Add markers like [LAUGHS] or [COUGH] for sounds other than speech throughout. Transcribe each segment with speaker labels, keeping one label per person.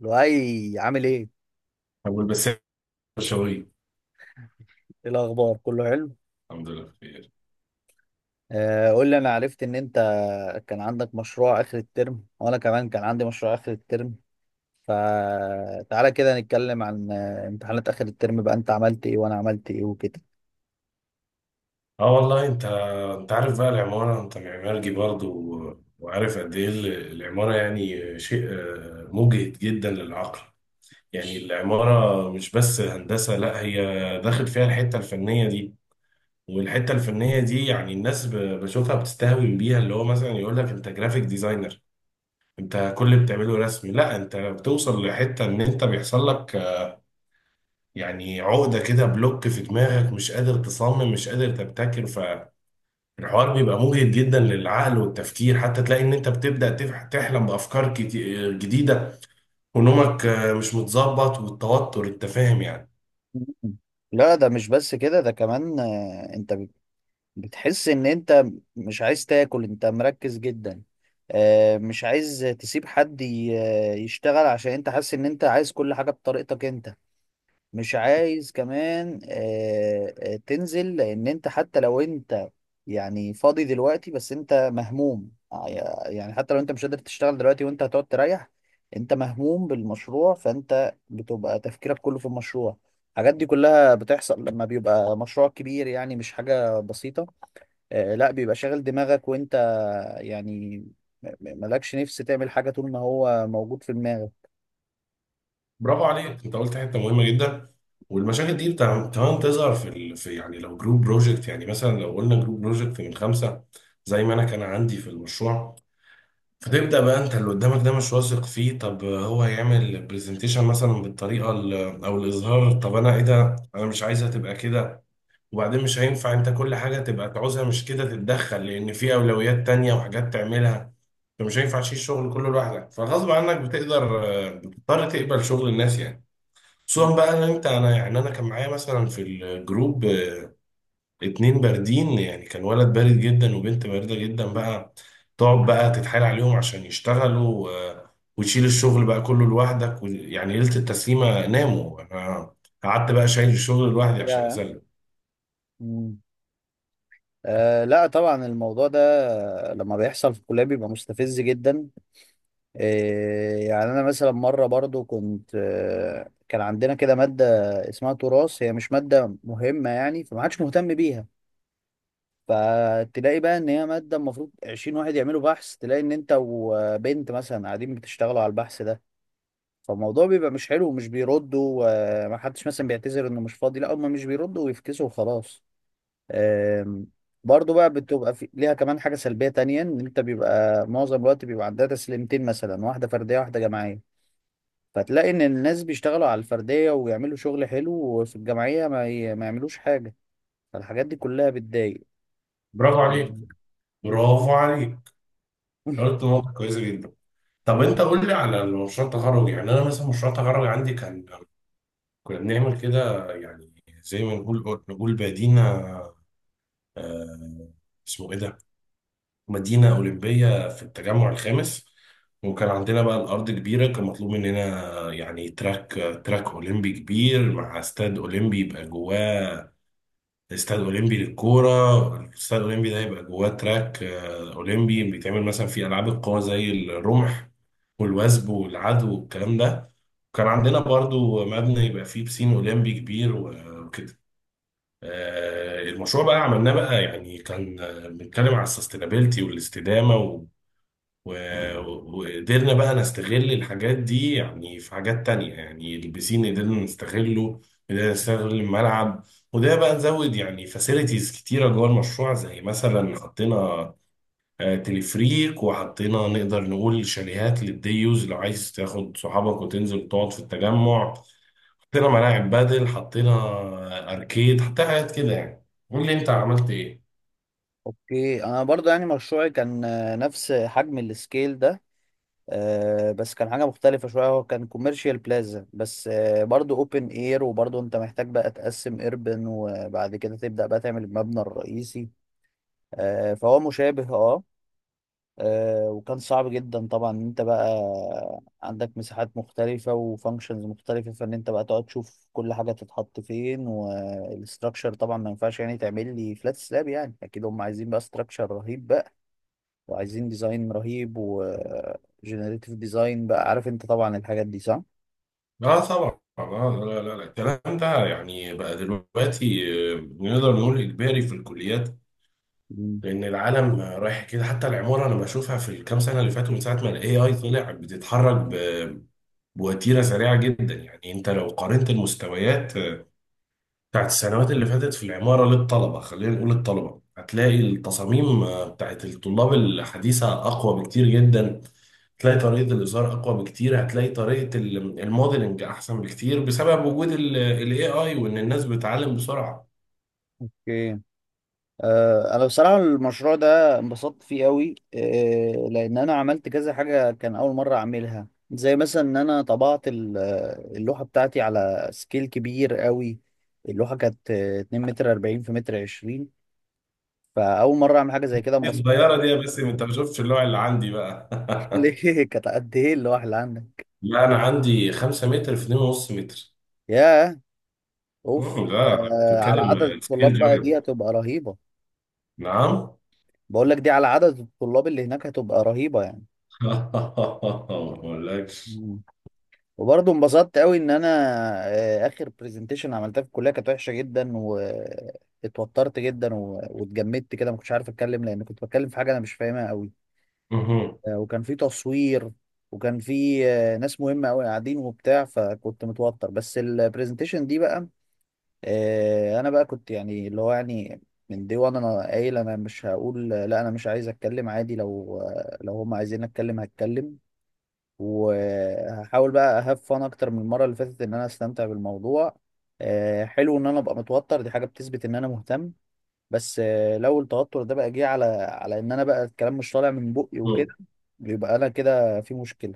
Speaker 1: لؤي عامل ايه؟
Speaker 2: والبساتين شوي.
Speaker 1: ايه الاخبار؟ كله حلو؟
Speaker 2: الحمد لله بخير.
Speaker 1: قول لي انا عرفت ان انت كان عندك مشروع اخر الترم وانا كمان كان عندي مشروع اخر الترم، فتعالى كده نتكلم عن امتحانات اخر الترم بقى، انت عملت ايه وانا عملت ايه وكده.
Speaker 2: اه والله انت عارف بقى العمارة، انت معماري برضه وعارف قد ايه العمارة. يعني شيء مجهد جدا للعقل. يعني العمارة مش بس هندسة، لا هي داخل فيها الحتة الفنية دي، والحتة الفنية دي يعني الناس بشوفها بتستهوي بيها، اللي هو مثلا يقول لك انت جرافيك ديزاينر، انت كل اللي بتعمله رسم. لا، انت بتوصل لحتة ان انت بيحصل لك يعني عقدة كده، بلوك في دماغك، مش قادر تصمم مش قادر تبتكر. فالحوار بيبقى مجهد جدا للعقل والتفكير، حتى تلاقي ان انت بتبدأ تحلم بأفكار جديدة، ونومك مش متظبط، والتوتر، انت فاهم يعني.
Speaker 1: مم. لا ده مش بس كده، ده كمان بتحس ان انت مش عايز تاكل، انت مركز جدا. مش عايز تسيب حد يشتغل، عشان انت حاسس ان انت عايز كل حاجة بطريقتك انت. مش عايز كمان تنزل، لان انت حتى لو انت يعني فاضي دلوقتي بس انت مهموم. يعني حتى لو انت مش قادر تشتغل دلوقتي وانت هتقعد تريح، انت مهموم بالمشروع، فانت بتبقى تفكيرك كله في المشروع. الحاجات دي كلها بتحصل لما بيبقى مشروع كبير، يعني مش حاجة بسيطة. لا بيبقى شاغل دماغك وانت يعني مالكش نفس تعمل حاجة طول ما هو موجود في دماغك.
Speaker 2: برافو عليك، انت قلت حتة مهمة جدا. والمشاكل دي كمان تظهر في يعني لو جروب بروجكت، يعني مثلا لو قلنا جروب بروجكت من خمسة، زي ما انا كان عندي في المشروع. فتبدأ بقى انت اللي قدامك ده مش واثق فيه، طب هو هيعمل برزنتيشن مثلا بالطريقة او الاظهار، طب انا ايه ده، انا مش عايزها تبقى كده. وبعدين مش هينفع انت كل حاجة تبقى تعوزها مش كده تتدخل، لان في اولويات تانية وحاجات تعملها. فمش هينفع تشيل الشغل كله لوحدك، فغصب عنك بتقدر، بتضطر تقبل شغل الناس يعني. خصوصا بقى ان انت، انا يعني انا كان معايا مثلا في الجروب اتنين باردين، يعني كان ولد بارد جدا وبنت باردة جدا بقى. تقعد بقى تتحايل عليهم عشان يشتغلوا، وتشيل الشغل بقى كله لوحدك يعني ليلة التسليمة ناموا، انا قعدت بقى شايل الشغل لوحدي عشان
Speaker 1: يا
Speaker 2: اسلم.
Speaker 1: yeah. أه لا طبعا، الموضوع ده لما بيحصل في الكلية بيبقى مستفز جدا. أه يعني أنا مثلا مرة برضو كنت كان عندنا كده مادة اسمها تراث، هي مش مادة مهمة يعني، فما حدش مهتم بيها. فتلاقي بقى إن هي مادة المفروض 20 واحد يعملوا بحث، تلاقي إن أنت وبنت مثلا قاعدين بتشتغلوا على البحث ده. فالموضوع بيبقى مش حلو ومش بيردوا، وما حدش مثلا بيعتذر إنه مش فاضي، لا هم مش بيردوا ويفكسوا وخلاص. آم، برضو بقى بتبقى ليها كمان حاجة سلبية تانية، ان انت بيبقى معظم الوقت بيبقى عندها تسليمتين مثلا، واحدة فردية واحدة جماعية. فتلاقي ان الناس بيشتغلوا على الفردية ويعملوا شغل حلو، وفي الجماعية ما يعملوش حاجة. فالحاجات دي كلها بتضايق.
Speaker 2: برافو عليك،
Speaker 1: [LAUGHS]
Speaker 2: برافو عليك، قلت نقطة كويسة جدا. طب انت قول لي على مشروع التخرج. يعني انا مثلا مشروع التخرج عندي كان، كنا بنعمل كده يعني، زي ما نقول، نقول بادينا، آه، اسمه ايه ده، مدينة أولمبية في التجمع الخامس. وكان عندنا بقى الأرض كبيرة، كان مطلوب مننا يعني تراك، تراك أولمبي كبير مع استاد أولمبي يبقى جواه، استاد أولمبي للكورة. الاستاد الأولمبي ده يبقى جواه تراك أولمبي بيتعمل مثلا في ألعاب القوى زي الرمح والوثب والعدو والكلام ده. كان عندنا برضو مبنى يبقى فيه بسين أولمبي كبير وكده. المشروع بقى عملناه بقى يعني، كان بنتكلم على السستينابيلتي والاستدامة، و- وقدرنا بقى نستغل الحاجات دي يعني في حاجات تانية، يعني البسين قدرنا نستغله، قدرنا نستغل الملعب. وده بقى نزود يعني فاسيلتيز كتيرة جوه المشروع، زي مثلا حطينا تلفريك، وحطينا نقدر نقول شاليهات للديوز لو عايز تاخد صحابك وتنزل وتقعد في التجمع. حطينا ملاعب، بدل حطينا أركيد، حطينا حاجات كده يعني. قول لي أنت عملت إيه؟
Speaker 1: اوكي، انا برضو يعني مشروعي كان نفس حجم السكيل ده. بس كان حاجة مختلفة شوية، هو كان كوميرشال بلازا بس برضو اوبن اير، وبرضو انت محتاج بقى تقسم ايربن وبعد كده تبدأ بقى تعمل المبنى الرئيسي. فهو مشابه اه. وكان صعب جدا طبعا ان انت بقى عندك مساحات مختلفة وفانكشنز مختلفة، فان انت بقى تقعد تشوف كل حاجة تتحط فين، والاستراكشر طبعا ما ينفعش يعني تعمل لي فلات سلاب، يعني اكيد هم عايزين بقى استراكشر رهيب، وعايزين ديزاين رهيب وجنريتيف ديزاين، بقى عارف انت طبعا الحاجات دي صح؟
Speaker 2: لا طبعا، لا لا لا، الكلام ده يعني بقى دلوقتي نقدر نقول اجباري في الكليات،
Speaker 1: مم.
Speaker 2: لان العالم رايح كده. حتى العماره انا بشوفها في الكام سنه اللي فاتوا من ساعه ما الاي اي طلع، بتتحرك بوتيره سريعه جدا. يعني انت لو قارنت المستويات بتاعت السنوات اللي فاتت في العمارة للطلبة، خلينا نقول الطلبة، هتلاقي التصاميم بتاعت الطلاب الحديثة أقوى بكتير جدا، هتلاقي طريقة الإزهار أقوى بكتير، هتلاقي طريقة الموديلنج أحسن بكتير، بسبب وجود ال AI، وإن الناس بتتعلم بسرعة.
Speaker 1: اوكي انا بصراحه المشروع ده انبسطت فيه قوي، لان انا عملت كذا حاجه كان اول مره اعملها، زي مثلا ان انا طبعت اللوحه بتاعتي على سكيل كبير قوي. اللوحه كانت 2 متر 40 في متر 20، فاول مره اعمل حاجه زي كده
Speaker 2: إيه
Speaker 1: انبسطت.
Speaker 2: الصغيرة دي يا باسم، أنت ما شفتش اللوع اللي عندي بقى؟
Speaker 1: [LAUGHS]
Speaker 2: [LAUGHS]
Speaker 1: ليه، كانت قد ايه اللوحه اللي عندك؟
Speaker 2: لا أنا عندي 5 متر في 2.5 متر.
Speaker 1: ياه، اوف.
Speaker 2: مم، لا.
Speaker 1: على عدد
Speaker 2: بتتكلم سكيل
Speaker 1: الطلاب بقى دي
Speaker 2: جوي.
Speaker 1: هتبقى رهيبه.
Speaker 2: نعم.
Speaker 1: بقول لك، دي على عدد الطلاب اللي هناك هتبقى رهيبة يعني.
Speaker 2: [LAUGHS] ما أقولكش.
Speaker 1: مم. وبرضه انبسطت قوي ان انا اخر برزنتيشن عملتها في الكلية كانت وحشة جدا، واتوترت جدا واتجمدت كده، ما كنتش عارف اتكلم لان كنت بتكلم في حاجة انا مش فاهمها قوي.
Speaker 2: مهم.
Speaker 1: وكان في تصوير، وكان في ناس مهمة قوي قاعدين وبتاع، فكنت متوتر. بس البرزنتيشن دي بقى انا بقى كنت يعني اللي هو يعني من دي، وانا قايل انا مش هقول لا، انا مش عايز اتكلم، عادي لو لو هم عايزين اتكلم هتكلم. وهحاول بقى اهاف فان اكتر من المره اللي فاتت ان انا استمتع بالموضوع. حلو ان انا ابقى متوتر، دي حاجه بتثبت ان انا مهتم. بس لو التوتر ده بقى جه على ان انا بقى الكلام مش طالع من بقي وكده، يبقى انا كده في مشكله.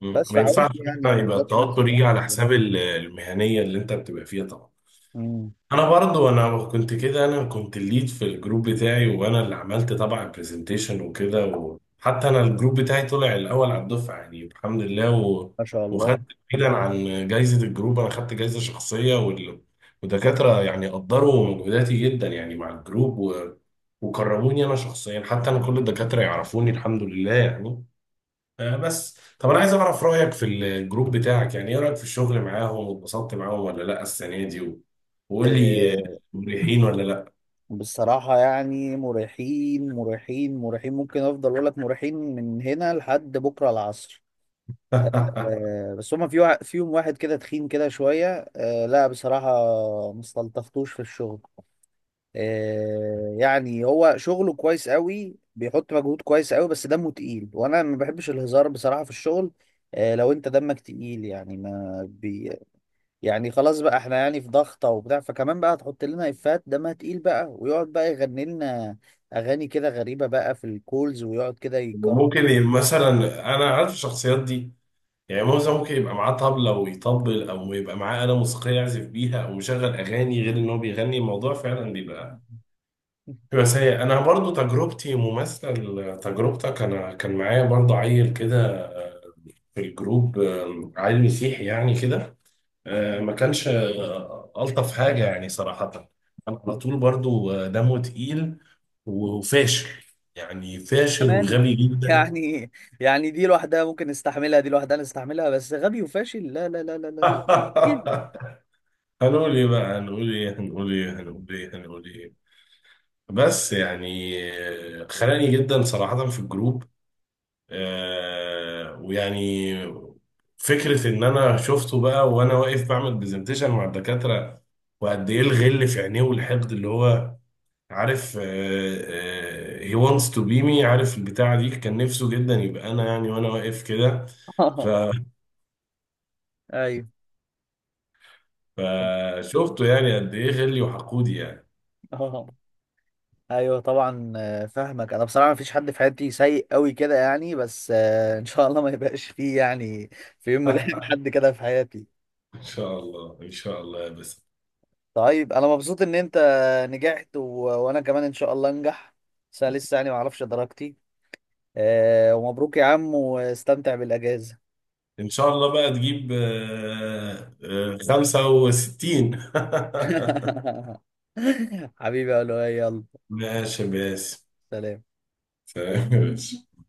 Speaker 2: مم.
Speaker 1: بس
Speaker 2: ما
Speaker 1: فحاولت
Speaker 2: ينفعش
Speaker 1: يعني
Speaker 2: كده
Speaker 1: ما
Speaker 2: يبقى
Speaker 1: اغلطش نفسي،
Speaker 2: التوتر يجي
Speaker 1: بالعكس.
Speaker 2: على حساب المهنية اللي انت بتبقى فيها، طبعا.
Speaker 1: مم،
Speaker 2: انا برضو، انا كنت كده، انا كنت الليد في الجروب بتاعي، وانا اللي عملت طبعا البرزنتيشن وكده، وحتى انا الجروب بتاعي طلع الاول على الدفعة يعني الحمد لله، و...
Speaker 1: ما شاء الله.
Speaker 2: وخدت، بعيدا عن جايزة الجروب انا خدت جايزة شخصية، وال... ودكاترة يعني قدروا مجهوداتي جدا يعني مع الجروب، و... وكرموني انا شخصيا، حتى انا كل الدكاترة يعرفوني الحمد لله يعني. بس طب انا عايز اعرف رايك في الجروب بتاعك، يعني ايه رايك في الشغل معاهم، واتبسطت معاهم ولا لا السنه دي؟ وقول لي
Speaker 1: آه،
Speaker 2: مريحين ولا لا؟
Speaker 1: بصراحة يعني مريحين، مريحين، ممكن أفضل أقول لك مريحين من هنا لحد بكرة العصر.
Speaker 2: [LAUGHS]
Speaker 1: بس هما فيهم واحد كده تخين كده شوية، لا بصراحة ما استلطفتوش في الشغل. يعني هو شغله كويس قوي، بيحط مجهود كويس قوي، بس دمه تقيل وانا ما بحبش الهزار بصراحة في الشغل. لو انت دمك تقيل يعني ما بي، يعني خلاص بقى احنا يعني في ضغطة وبتاع، فكمان بقى تحط لنا افات دمها تقيل بقى، ويقعد بقى يغني لنا اغاني كده غريبة بقى في الكولز ويقعد كده يكرر.
Speaker 2: ممكن مثلا، انا عارف الشخصيات دي، يعني موزة ممكن يبقى معاه طبلة ويطبل، او يبقى معاه آلة موسيقية يعزف بيها، او مشغل اغاني، غير ان هو بيغني، الموضوع فعلا بيبقى سيء. انا برضو تجربتي مماثلة لتجربتك، انا كان معايا برضو عيل كده، آه، في الجروب، عيل مسيحي يعني كده، ما
Speaker 1: [LAUGHS]
Speaker 2: كانش ألطف حاجة يعني صراحة. كان على طول برضو دمه تقيل، وفاشل، يعني فاشل
Speaker 1: كمان
Speaker 2: وغبي جدا.
Speaker 1: يعني، يعني دي لوحدها ممكن نستحملها، دي لوحدها نستحملها، بس غبي وفاشل، لا لا لا لا لا لا. [LAUGHS] جامد جداً.
Speaker 2: [LAUGHS] هنقول ايه بقى، هنقول ايه، هنقول ايه، هنقول ايه، هنقول ايه. بس يعني خلاني جدا صراحة في الجروب، ويعني فكرة ان انا شفته بقى وانا واقف بعمل برزنتيشن مع الدكاترة، وقد ايه الغل في عينيه والحقد، اللي هو عارف، he wants to be me، عارف البتاعة دي. كان نفسه جدا يبقى أنا يعني، وأنا واقف كده. ف-
Speaker 1: ايوه. [LAUGHS]
Speaker 2: فشفته يعني قد إيه غلي وحقودي يعني.
Speaker 1: اه، ايوه طبعا، فاهمك. انا بصراحه مفيش حد في حياتي سيء قوي كده يعني، بس ان شاء الله ما يبقاش فيه يعني في يوم من الايام
Speaker 2: [LAUGHS]
Speaker 1: حد كده في حياتي.
Speaker 2: إن شاء الله إن شاء الله يا بس.
Speaker 1: طيب انا مبسوط ان انت نجحت وانا كمان ان شاء الله انجح. بس أنا لسه يعني ما اعرفش درجتي. ومبروك يا عم واستمتع بالاجازه.
Speaker 2: إن شاء الله بقى تجيب 65. [LAUGHS]
Speaker 1: [LAUGHS] حبيبي يا لؤي، يلا،
Speaker 2: ماشي يا باسم.
Speaker 1: سلام
Speaker 2: [LAUGHS] سلام يا باشا.